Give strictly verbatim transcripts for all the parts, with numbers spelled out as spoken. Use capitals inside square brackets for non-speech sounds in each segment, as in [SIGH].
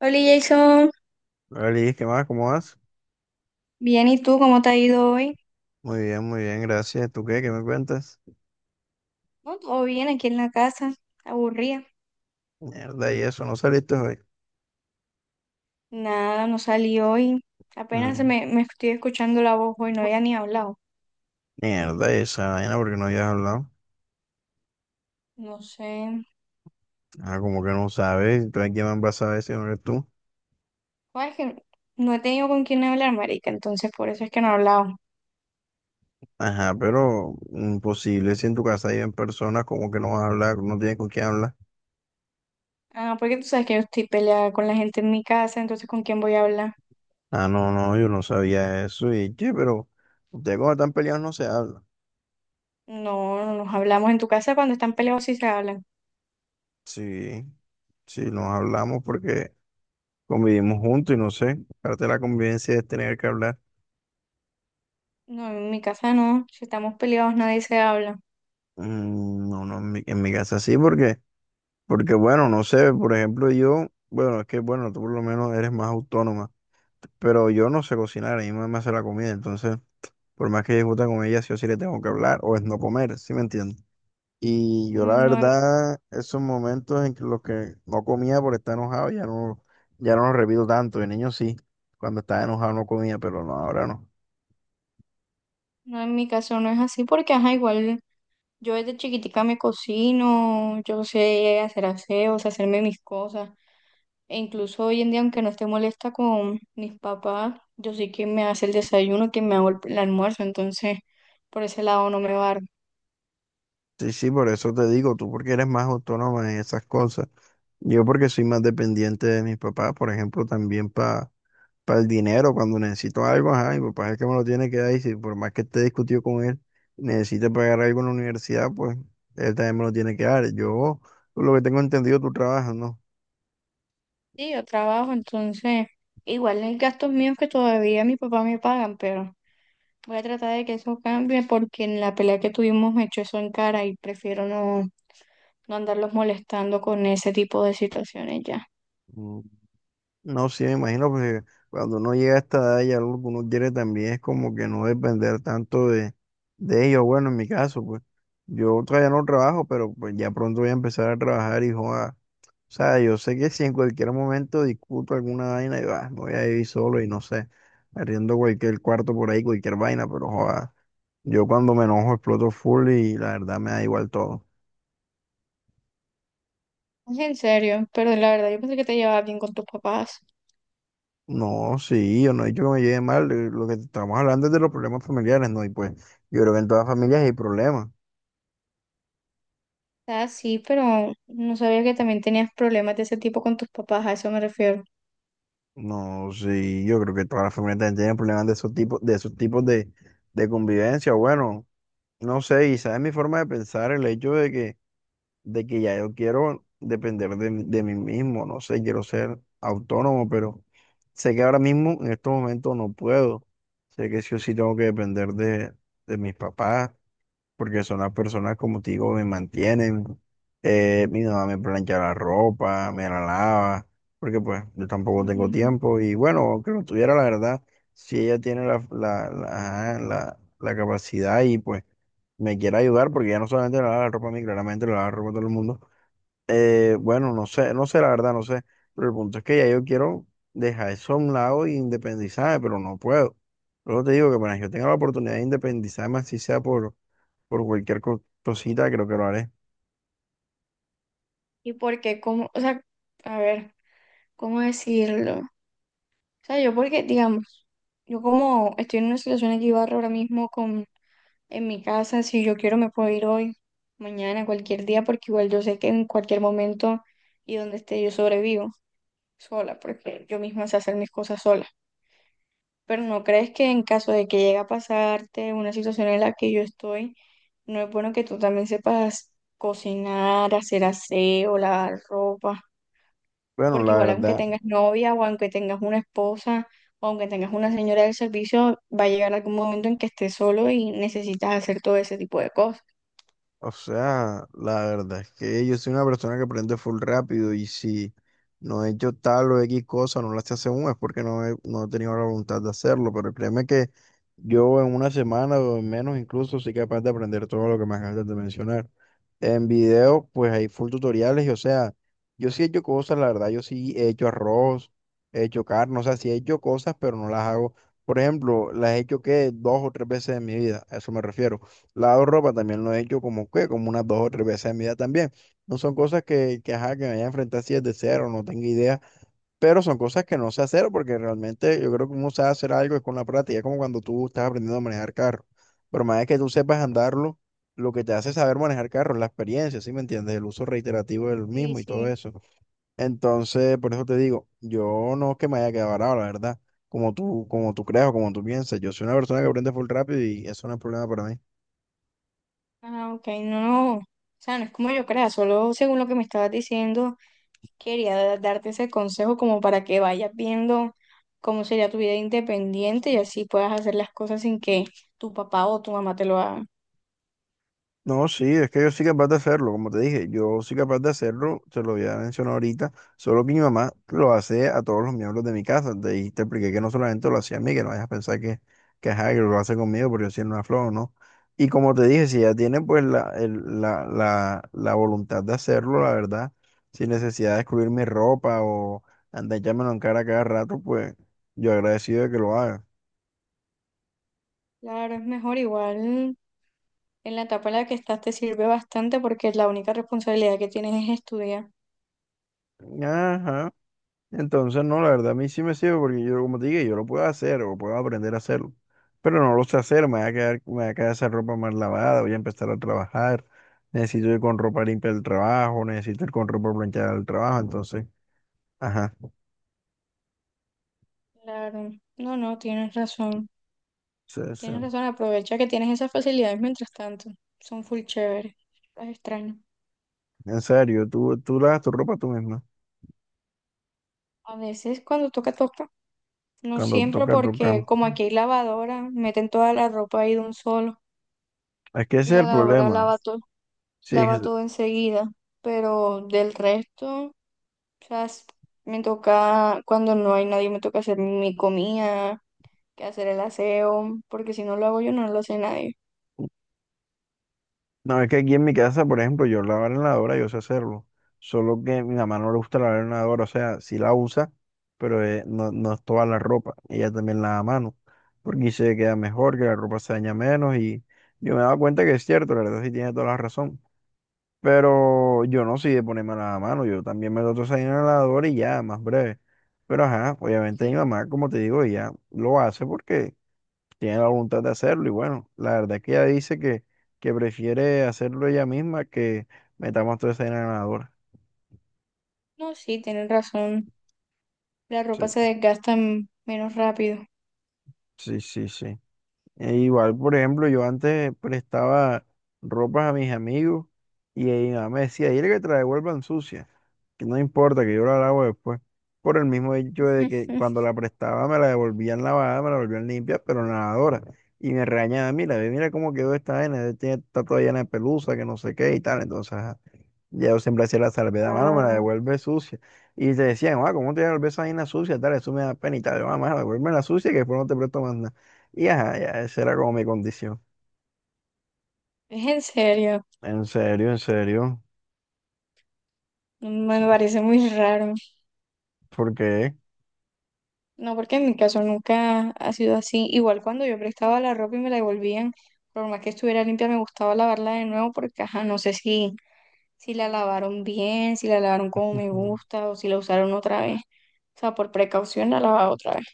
Hola Jason, Hola, Liz, ¿qué más? ¿Cómo vas? bien, ¿y tú cómo te ha ido hoy? Muy bien, muy bien, gracias. ¿Tú qué? ¿Qué me cuentas? No, todo bien aquí en la casa, aburrida. Mierda, y eso, ¿no saliste hoy? Nada, no salí hoy. Apenas se Mm. me, me estoy escuchando la voz hoy, no había ni hablado. Mierda, y esa vaina, porque no habías hablado. No sé. Ah, como que no sabes, entonces quién más vas a saber si no eres tú. Bueno, es que no he tenido con quién hablar, marica, entonces por eso es que no he hablado. Ajá, pero imposible, si en tu casa hay en personas, como que no vas a hablar, no tienes con quién hablar. Ah, porque tú sabes que yo estoy peleada con la gente en mi casa, entonces ¿con quién voy a hablar? Ah, no, no, yo no sabía eso, y che, pero ustedes cuando están peleados no se habla. No, no nos hablamos. En tu casa cuando están peleados sí se hablan. Sí, sí, nos hablamos porque convivimos juntos y no sé, parte de la convivencia es tener que hablar. No, en mi casa no, si estamos peleados nadie se habla. Mm. No, no, en mi, en mi casa sí, porque, porque bueno, no sé, por ejemplo, yo, bueno, es que bueno, tú por lo menos eres más autónoma, pero yo no sé cocinar, a mi mamá me hace la comida, entonces, por más que discuta con ella, sí o sí le tengo que hablar, o es no comer, ¿sí me entiendes? Y yo la No, en- verdad, esos momentos en que los que no comía por estar enojado, ya no, ya no los repito tanto, de niño sí, cuando estaba enojado no comía, pero no, ahora no. no en mi caso no es así porque, ajá, igual. Yo desde chiquitica me cocino, yo sé hacer aseos, hacerme mis cosas. E incluso hoy en día, aunque no esté molesta con mis papás, yo sí que me hace el desayuno, que me hago el, el almuerzo. Entonces, por ese lado no me va. Sí, sí, por eso te digo, tú porque eres más autónoma en esas cosas. Yo porque soy más dependiente de mis papás, por ejemplo, también para el dinero, cuando necesito algo, ajá, mi papá es el que me lo tiene que dar y si por más que esté discutido con él, necesite pagar algo en la universidad, pues él también me lo tiene que dar. Yo, por lo que tengo entendido, tú trabajas, ¿no? Sí, yo trabajo, entonces, igual hay gastos míos que todavía mi papá me pagan, pero voy a tratar de que eso cambie porque en la pelea que tuvimos me echó eso en cara y prefiero no, no andarlos molestando con ese tipo de situaciones ya. Mm. No, sí, me imagino, porque cuando uno llega a esta edad y algo que uno quiere también es como que no depender tanto de, de ellos. Bueno, en mi caso, pues yo todavía no trabajo, pero pues ya pronto voy a empezar a trabajar, y hijo. O sea, yo sé que si en cualquier momento discuto alguna vaina y va, me voy a ir solo y no sé, arriendo cualquier cuarto por ahí, cualquier vaina, pero joda, yo cuando me enojo exploto full y la verdad me da igual todo. Es en serio, pero la verdad yo pensé que te llevabas bien con tus papás. No, sí, yo no he dicho que me lleve mal, eh, lo que estamos hablando es de los problemas familiares, ¿no? Y pues yo creo que en todas las familias hay problemas. Ah, sí, pero no sabía que también tenías problemas de ese tipo con tus papás, a eso me refiero. No, sí, yo creo que todas las familias también tienen problemas de esos tipos, de esos tipos de, de convivencia. Bueno, no sé, y sabes mi forma de pensar, el hecho de que de que ya yo quiero depender de, mí de mí mismo, no sé, quiero ser autónomo, pero sé que ahora mismo en estos momentos no puedo. Sé que sí o sí tengo que depender de, de mis papás, porque son las personas, como te digo, me mantienen. Eh, mi mamá me plancha la ropa, me la lava, porque pues yo tampoco tengo Ujú. tiempo. Y bueno, aunque lo tuviera, la verdad, si ella tiene la, la, la, ajá, la- la capacidad y pues me quiere ayudar, porque ya no solamente le lava la ropa a mí, claramente le lava la ropa a todo el mundo. Eh, bueno, no sé, no sé, la verdad, no sé. Pero el punto es que ya yo quiero dejar eso a un lado e independizarme, pero no puedo. Luego te digo que apenas yo tenga la oportunidad de independizarme, así sea por por cualquier co- cosita, creo que lo haré. ¿Y por qué? ¿Cómo? O sea, a ver, ¿cómo decirlo? O sea, yo porque, digamos, yo como estoy en una situación equivalente ahora mismo con, en mi casa, si yo quiero me puedo ir hoy, mañana, cualquier día, porque igual yo sé que en cualquier momento y donde esté yo sobrevivo sola, porque yo misma sé hacer mis cosas sola. Pero ¿no crees que en caso de que llegue a pasarte una situación en la que yo estoy, no es bueno que tú también sepas cocinar, hacer aseo, lavar ropa? Bueno, Porque la igual aunque verdad. tengas novia o aunque tengas una esposa o aunque tengas una señora del servicio, va a llegar algún momento en que estés solo y necesitas hacer todo ese tipo de cosas. O sea, la verdad es que yo soy una persona que aprende full rápido y si no he hecho tal o X cosa, no la sé hace aún, es porque no he, no he tenido la voluntad de hacerlo, pero créeme que yo en una semana o en menos incluso soy capaz de aprender todo lo que me acabas de mencionar. En video, pues hay full tutoriales y o sea, yo sí he hecho cosas, la verdad, yo sí he hecho arroz, he hecho carne, o sea, sí he hecho cosas, pero no las hago. Por ejemplo, las he hecho que dos o tres veces en mi vida, a eso me refiero. Lado ropa también lo he hecho como que, como unas dos o tres veces en mi vida también. No son cosas que, que, ajá, que me haya enfrentado enfrentar así desde cero, no tengo idea, pero son cosas que no sé hacer porque realmente yo creo que uno sabe hacer algo es con la práctica, es como cuando tú estás aprendiendo a manejar carro. Pero más es que tú sepas andarlo, lo que te hace saber manejar carro es la experiencia, ¿sí me entiendes? El uso reiterativo del Sí, mismo y todo sí. eso. Entonces, por eso te digo, yo no es que me haya quedado varado, la verdad, como tú, como tú creas o como tú piensas. Yo soy una persona que aprende full rápido y eso no es problema para mí. Ah, ok, no, no. O sea, no es como yo crea, solo según lo que me estabas diciendo. Quería darte ese consejo como para que vayas viendo cómo sería tu vida independiente y así puedas hacer las cosas sin que tu papá o tu mamá te lo hagan. No, sí, es que yo soy capaz de hacerlo, como te dije, yo soy capaz de hacerlo, te lo había mencionado ahorita, solo que mi mamá lo hace a todos los miembros de mi casa, de ahí te expliqué que no solamente lo hacía a mí, que no vayas a pensar que, que, ajá, que lo hace conmigo porque yo soy una flor, ¿no? Y como te dije, si ya tiene pues la, el- la, la, la voluntad de hacerlo, la verdad, sin necesidad de excluir mi ropa o andar echándomelo en cara cada rato, pues yo agradecido de que lo haga. Claro, es mejor igual. En la etapa en la que estás te sirve bastante porque la única responsabilidad que tienes es estudiar. Ajá. Entonces, no, la verdad a mí sí me sirve porque yo, como te dije, yo lo puedo hacer o puedo aprender a hacerlo, pero no lo sé hacer, me va a quedar, me va a quedar esa ropa mal lavada, voy a empezar a trabajar, necesito ir con ropa limpia al trabajo, necesito ir con ropa planchada al trabajo, entonces, ajá, Claro, no, no, tienes razón. sí, sí. Tienes razón, aprovecha que tienes esas facilidades mientras tanto. Son full chéveres. Es extraño. En serio, tú, tú lavas tu ropa tú misma, A veces cuando toca, toca. No cuando siempre toca, porque toca. como aquí hay lavadora, meten toda la ropa ahí de un solo. Es que Y ese es la el lavadora problema, lava todo, sí. lava todo enseguida, pero del resto, o sea, es- me toca, cuando no hay nadie, me toca hacer mi comida, que hacer el aseo, porque si no lo hago yo, no lo hace nadie. No, es que aquí en mi casa, por ejemplo, yo lavar en la lavadora, yo sé hacerlo. Solo que mi mamá no le gusta lavar en la lavadora, o sea, sí la usa, pero eh, no, no es toda la ropa. Ella también lava a mano, porque dice que queda mejor, que la ropa se daña menos y yo me he dado cuenta que es cierto, la verdad sí tiene toda la razón. Pero yo no soy de ponerme a lavar a mano, yo también me lo toco ahí en la lavadora y ya, más breve. Pero ajá, obviamente mi Sí. mamá, como te digo, ella lo hace porque tiene la voluntad de hacerlo y bueno, la verdad es que ella dice que, que prefiere hacerlo ella misma que metamos toda esa arena en la lavadora. No, sí, tienen razón, la Sí, ropa se desgasta m- menos rápido. sí, sí, sí. E igual, por ejemplo, yo antes prestaba ropas a mis amigos y ahí mi mamá me decía, dile que te la devuelvan sucia, que no importa, que yo la lavo después. Por el mismo hecho de que cuando [LAUGHS] la prestaba me la devolvían lavada, me la volvían limpia, pero en la lavadora. Y me regañaba, mira, ve, mira cómo quedó esta vaina, tiene- está toda llena de pelusa, que no sé qué y tal. Entonces, ajá. Ya yo siempre hacía la salvedad, mano, me la Ah, devuelve sucia. Y te decían, ah, ¿cómo te devuelves esa vaina sucia? Tal, eso me da pena y tal. Yo, ah, mano, devuélveme la sucia que después no te presto más nada. Y ajá, ya, esa era como mi condición. es en serio, En serio, en serio. Sí. me parece muy raro. ¿Por qué? No, porque en mi caso nunca ha sido así. Igual cuando yo prestaba la ropa y me la devolvían, por más que estuviera limpia, me gustaba lavarla de nuevo porque, ajá, no sé si, si la lavaron bien, si la lavaron como me [LAUGHS] gusta o si la usaron otra vez. O sea, por precaución la lavaba otra vez.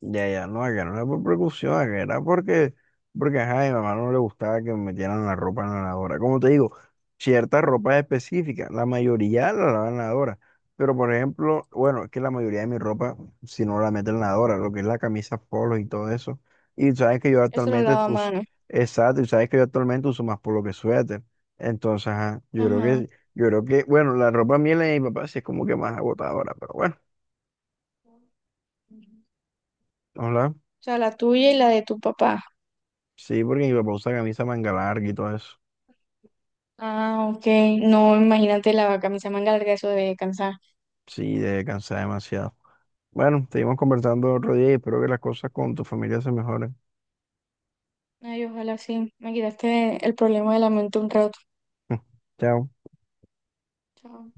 Ya, ya, no, que no era por precaución, a que era porque, porque ajá, a mi mamá no le gustaba que me metieran la ropa en la lavadora. Como te digo, cierta ropa específica, la mayoría la lavan en la lavadora. Pero por ejemplo, bueno, es que la mayoría de mi ropa, si no la meten en la lavadora, lo que es la camisa polo y todo eso. Y sabes que yo Eso lo actualmente lava a uso, mano. exacto, y sabes que yo actualmente uso más polo que suéter. Entonces, ajá, yo creo Ajá. que, O yo creo que, bueno, la ropa mía y la de mi papá sí es como que más agotadora, pero bueno, hola. sea, la tuya y la de tu papá. Sí, porque mi papá usa camisa manga larga y todo eso. Ah, ok. No, imagínate la camisa manga larga, eso debe cansar. Sí, de cansar demasiado. Bueno, seguimos conversando otro día y espero que las cosas con tu familia se mejoren. Ay, ojalá sí. Me quitaste el problema de la mente un rato. [LAUGHS] Chao. Chao.